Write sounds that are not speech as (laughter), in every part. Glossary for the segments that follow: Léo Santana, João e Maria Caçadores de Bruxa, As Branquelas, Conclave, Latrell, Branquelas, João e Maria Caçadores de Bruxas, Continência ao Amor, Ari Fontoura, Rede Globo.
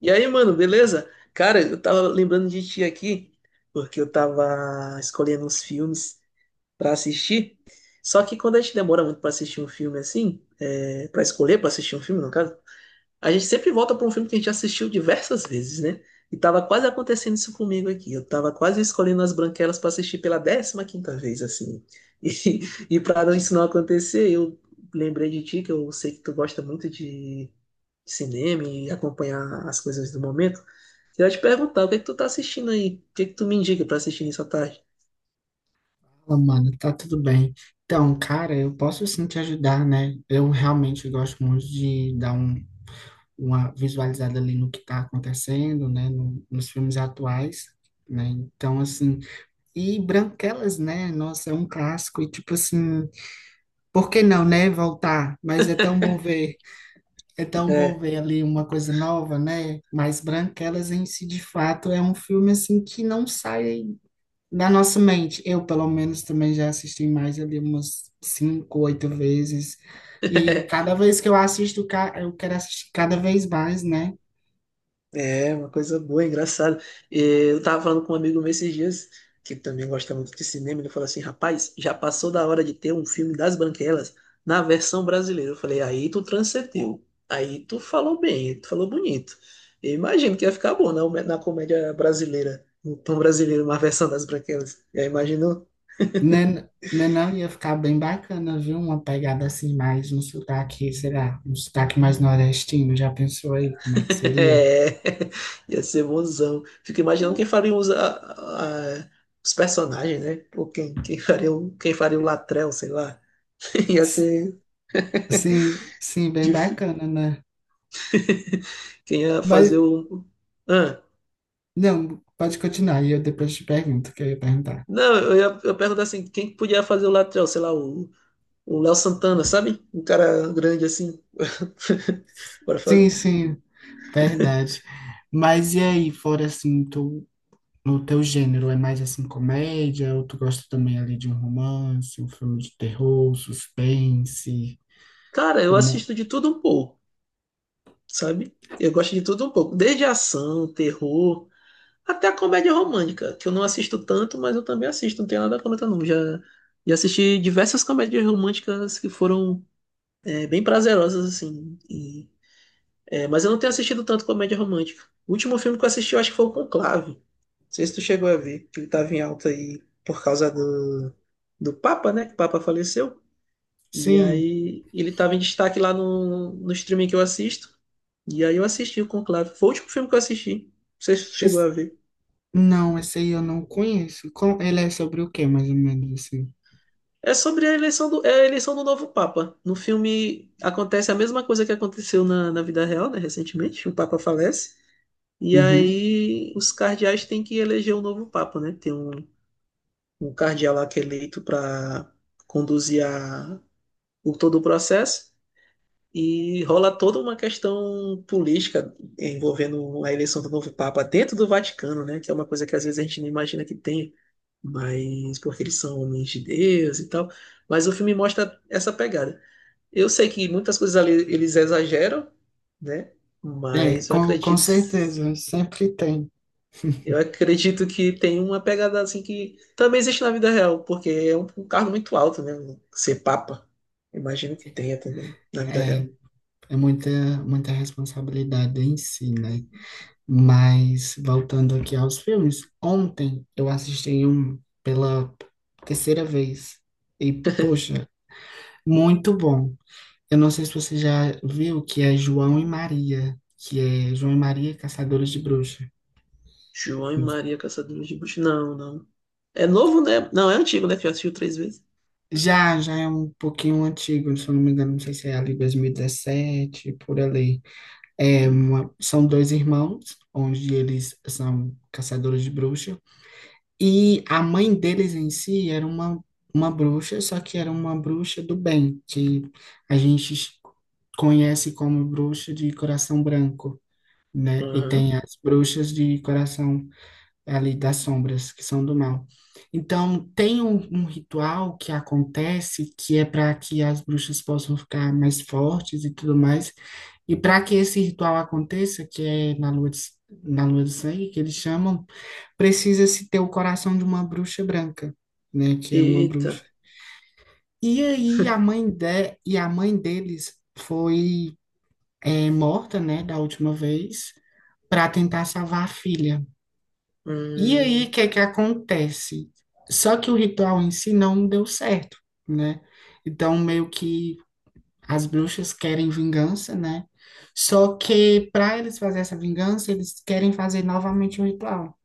E aí, mano, beleza? Cara, eu tava lembrando de ti aqui, porque eu tava escolhendo uns filmes pra assistir. Só que quando a gente demora muito pra assistir um filme assim, para escolher pra assistir um filme, no caso, a gente sempre volta pra um filme que a gente assistiu diversas vezes, né? E tava quase acontecendo isso comigo aqui. Eu tava quase escolhendo As Branquelas pra assistir pela 15ª vez, assim. (laughs) E pra não- isso não acontecer, eu lembrei de ti, que eu sei que tu gosta muito de cinema e acompanhar as coisas do momento. Eu ia te perguntar, o que é que tu tá assistindo aí? O que é que tu me indica pra assistir nessa tarde? Fala, mano, tá tudo bem. Então, cara, eu posso sim te ajudar, né? Eu realmente gosto muito de dar uma visualizada ali no que tá acontecendo, né? Nos filmes atuais, né? Então, assim, e Branquelas, né? Nossa, é um clássico e tipo assim, por que não, né? Voltar, mas é tão bom ver, é tão bom É, ver ali uma coisa nova, né? Mas Branquelas em si, de fato, é um filme assim que não sai na nossa mente, eu pelo menos também já assisti mais ali umas cinco, oito vezes. E cada (laughs) vez que eu assisto, eu quero assistir cada vez mais, né? é uma coisa boa, engraçada. Eu tava falando com um amigo meu esses dias, que também gosta muito de cinema, ele falou assim, rapaz, já passou da hora de ter um filme das Branquelas na versão brasileira. Eu falei, aí tu transcendeu, aí tu falou bem, tu falou bonito. Eu imagino que ia ficar bom na comédia brasileira, no tom brasileiro, uma versão das Branquelas. Eu imagino. Né, não ia ficar bem bacana, viu? Uma pegada assim mais um sotaque, sei lá, um sotaque mais nordestino. Já pensou aí como é (laughs) que seria? É, ia ser bonzão. Fico imaginando quem faria os personagens, né? Ou quem faria o Latrell, sei lá. (laughs) Ia S- ser Sim, sim, bem difícil. bacana, né? Quem ia Mas fazer o. Ah, não, pode continuar, e eu depois te pergunto o que eu ia perguntar. não, eu pergunto assim: quem podia fazer o Latrell? Sei lá, o Léo Santana, sabe? Um cara grande assim. (laughs) Bora fazer. Sim, sim. Verdade. Mas e aí, fora assim, no teu gênero, é mais assim comédia, ou tu gosta também ali de um romance, um filme de terror, suspense, Cara, eu como... assisto de tudo um pouco, sabe? Eu gosto de tudo um pouco, desde ação, terror. Até a comédia romântica, que eu não assisto tanto, mas eu também assisto, não tenho nada contra não. Já assisti diversas comédias românticas que foram bem prazerosas, assim. Mas eu não tenho assistido tanto comédia romântica. O último filme que eu assisti, eu acho que foi o Conclave. Não sei se tu chegou a ver, que ele tava em alta aí por causa do Papa, né? Que o Papa faleceu. E Sim, aí ele tava em destaque lá no streaming que eu assisto. E aí eu assisti o Conclave. Foi o último filme que eu assisti. Não sei se tu chegou esse... a ver. não, esse aí eu não conheço. Com... Ele é sobre o quê, mais ou menos assim? É sobre a eleição do. É a eleição do novo Papa. No filme acontece a mesma coisa que aconteceu na vida real, né? Recentemente, o Papa falece. E Uhum. aí os cardeais têm que eleger um novo Papa, né? Tem um cardeal lá que é eleito para conduzir todo o processo. E rola toda uma questão política envolvendo a eleição do novo Papa dentro do Vaticano, né? Que é uma coisa que às vezes a gente não imagina que tem, mas porque eles são homens de Deus e tal. Mas o filme mostra essa pegada. Eu sei que muitas coisas ali eles exageram, né? É, Mas com certeza, sempre tem. eu acredito que tem uma pegada assim que também existe na vida real, porque é um cargo muito alto, né? Ser papa. Imagino que tenha também na vida real. É, é muita, muita responsabilidade em si, né? Mas voltando aqui aos filmes, ontem eu assisti um pela terceira vez e poxa, muito bom. Eu não sei se você já viu que é João e Maria, que é João e Maria Caçadores de Bruxa. João e Maria Caçadores de Bruxas. Não, não. É novo, né? Não, é antigo, né? Que já assistiu 3 vezes. Já, já é um pouquinho antigo, se eu não me engano, não sei se é ali 2017, por ali. São dois irmãos, onde eles são caçadores de bruxas. E a mãe deles em si era uma bruxa, só que era uma bruxa do bem, que a gente conhece como bruxa de coração branco, né? E Aham. tem as bruxas de coração ali das sombras, que são do mal. Então, tem um ritual que acontece que é para que as bruxas possam ficar mais fortes e tudo mais. E para que esse ritual aconteça, que é na lua de sangue, que eles chamam, precisa-se ter o coração de uma bruxa branca, né? Que é uma Eita. bruxa. E aí e a mãe deles foi, é, morta, né? Da última vez, para tentar salvar a filha. E aí Hum, o que que acontece? Só que o ritual em si não deu certo, né? Então meio que as bruxas querem vingança, né? Só que para eles fazer essa vingança, eles querem fazer novamente o ritual.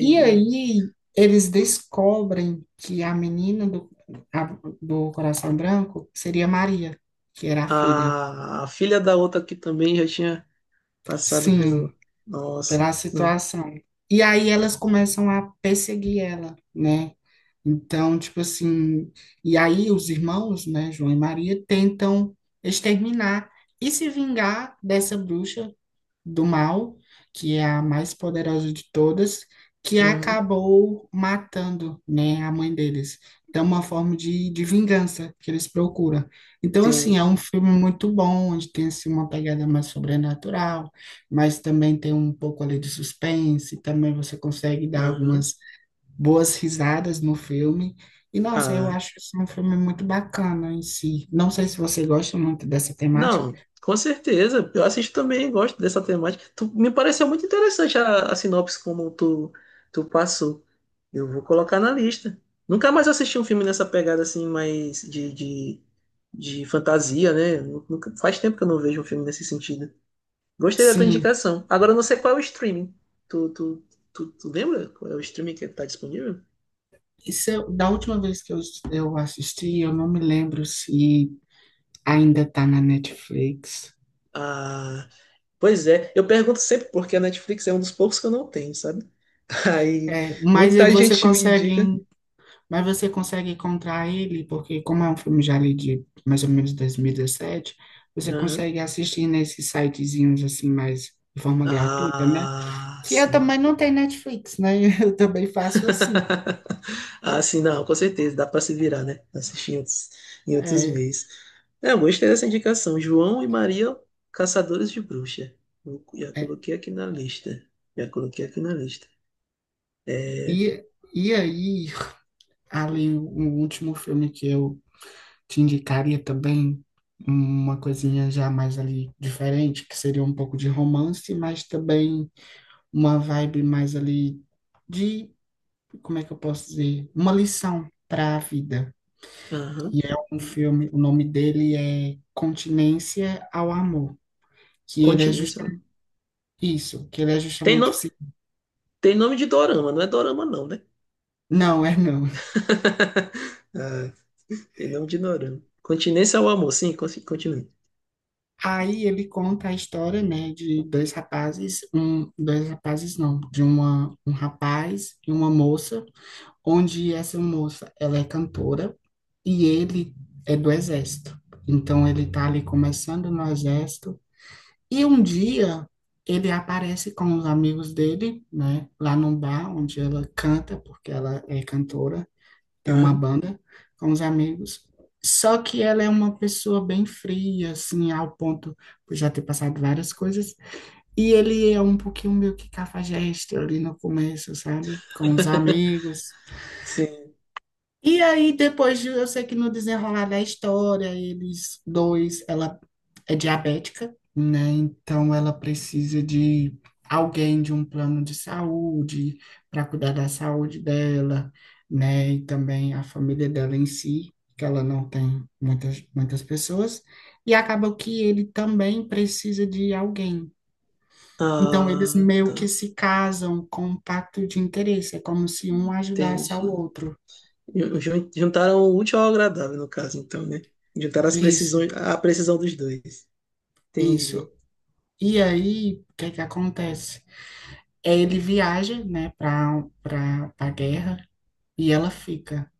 E aí eles descobrem que a menina do, a- do coração branco seria Maria, que era a filha. a filha da outra que também já tinha passado Sim, pelo. Nossa. pela Não. situação. E aí elas começam a perseguir ela, né? Então, tipo assim, e aí os irmãos, né, João e Maria, tentam exterminar e se vingar dessa bruxa do mal, que é a mais poderosa de todas, que Hum. acabou matando, né, a mãe deles. Então, é uma forma de vingança que eles procuram. Então, assim, é um Entendi. filme muito bom, onde tem, assim, uma pegada mais sobrenatural, mas também tem um pouco ali de suspense, também você consegue dar Aham. algumas boas risadas no filme. E, nossa, eu Ah, acho esse um filme muito bacana em si. Não sei se você gosta muito dessa temática. não, com certeza. Eu assisto também, gosto dessa temática. Tu- me pareceu muito interessante a sinopse como tu, tu passou. Eu vou colocar na lista. Nunca mais assisti um filme nessa pegada assim, mais de fantasia, né? Nunca- faz tempo que eu não vejo um filme nesse sentido. Gostei da tua Sim. indicação. Agora eu não sei qual é o streaming. Tu, tu, tu lembra qual é o streaming que tá disponível? Da última vez que eu assisti, eu não me lembro se ainda está na Netflix. Ah, pois é. Eu pergunto sempre porque a Netflix é um dos poucos que eu não tenho, sabe? Aí É, mas muita gente me indica. Mas você consegue encontrar ele, porque como é um filme já ali de mais ou menos 2017, você Aham. consegue assistir nesses sitezinhos assim mais de forma gratuita, né? Ah, Que eu sim. também não tenho Netflix, né? (laughs) Eu também faço assim. (laughs) Ah, sim, não, com certeza, dá pra se virar, né? Assistir em outros É, meios. É, eu gostei dessa indicação. João e Maria, Caçadores de Bruxa. Eu Já é. coloquei aqui na lista. Já coloquei aqui na lista. É, E, e aí, ali, o último filme que eu te indicaria também uma coisinha já mais ali diferente, que seria um pouco de romance, mas também uma vibe mais ali de, como é que eu posso dizer? Uma lição para a vida. aham. E é um filme, o nome dele é Continência ao Amor, que ele é Continua, seu justamente nome. isso, que ele é Tem, justamente no, assim. tem nome de dorama, não é dorama não, né? Não, é não. (laughs) Ah, tem nome de dorama. Continência ao amor, sim, continue. Aí ele conta a história, né, de dois rapazes, um, dois rapazes não, de um rapaz e uma moça, onde essa moça, ela é cantora e ele é do exército. Então ele tá ali começando no exército e um dia ele aparece com os amigos dele, né, lá num bar onde ela canta, porque ela é cantora, tem uma Aham. banda com os amigos. Só que ela é uma pessoa bem fria, assim, ao ponto de já ter passado várias coisas. E ele é um pouquinho meio que cafajeste ali no começo, sabe? Com os (laughs) amigos, Sim. e aí, depois de, eu sei que no desenrolar da história, ela é diabética, né? Então ela precisa de alguém, de um plano de saúde para cuidar da saúde dela, né? E também a família dela em si, que ela não tem muitas pessoas. E acaba que ele também precisa de alguém. Então eles Ah, meio que tá. se casam com um pacto de interesse, é como se um ajudasse Entendi. ao outro. Juntaram o útil ao agradável, no caso, então, né? Juntaram as Isso, precisões, a precisão dos dois. isso. Entendi. E aí, o que é que acontece? É, ele viaja, né, para a guerra e ela fica,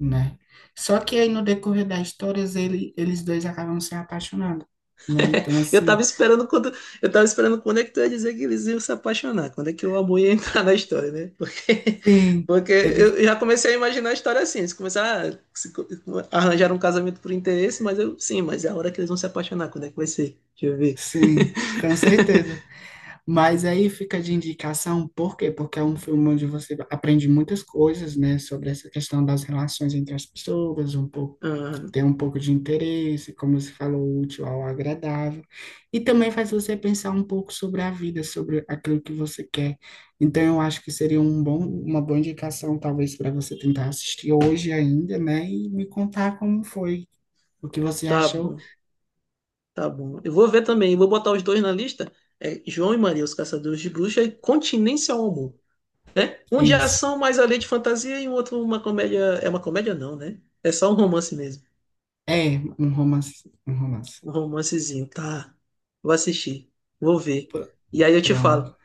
né? Só que aí no decorrer das histórias eles dois acabam se apaixonando, né? Então Eu assim, tava esperando eu tava esperando quando é que tu ia dizer que eles iam se apaixonar, quando é que o amor ia (laughs) entrar na história, né? Porque, sim, porque eles eu já comecei a imaginar a história assim, eles começaram a se co- arranjar um casamento por interesse, mas eu, sim, mas é a hora que eles vão se apaixonar, quando é que vai ser? Deixa eu ver. sim, com certeza. (laughs) Mas aí fica de indicação, por quê? Porque é um filme onde você aprende muitas coisas, né, sobre essa questão das relações entre as pessoas, um pouco, Ah, ter um pouco de interesse, como você falou, útil ao agradável, e também faz você pensar um pouco sobre a vida, sobre aquilo que você quer. Então, eu acho que seria um bom, uma boa indicação, talvez, para você tentar assistir hoje ainda, né, e me contar como foi, o que você tá achou. bom. Tá bom. Eu vou ver também, vou botar os dois na lista. É João e Maria, os Caçadores de Bruxas, e Continência ao Amor. Um de Isso. ação, mais além de fantasia, e o outro uma comédia. É uma comédia, não, né? É só um romance mesmo. É, um romance. Um romancezinho. Tá. Vou assistir. Vou ver. Pr- E aí eu te falo. Pronto,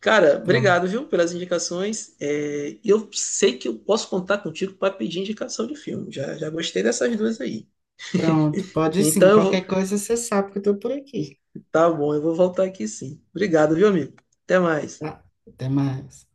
Cara, pronto. obrigado, viu, pelas indicações. É, eu sei que eu posso contar contigo para pedir indicação de filme. Já, já gostei dessas duas aí. Pronto, pode sim. Então, eu vou... Qualquer coisa você sabe que eu estou por aqui. tá bom, eu vou voltar aqui sim. Obrigado, viu, amigo? Até mais. Tá? Até mais.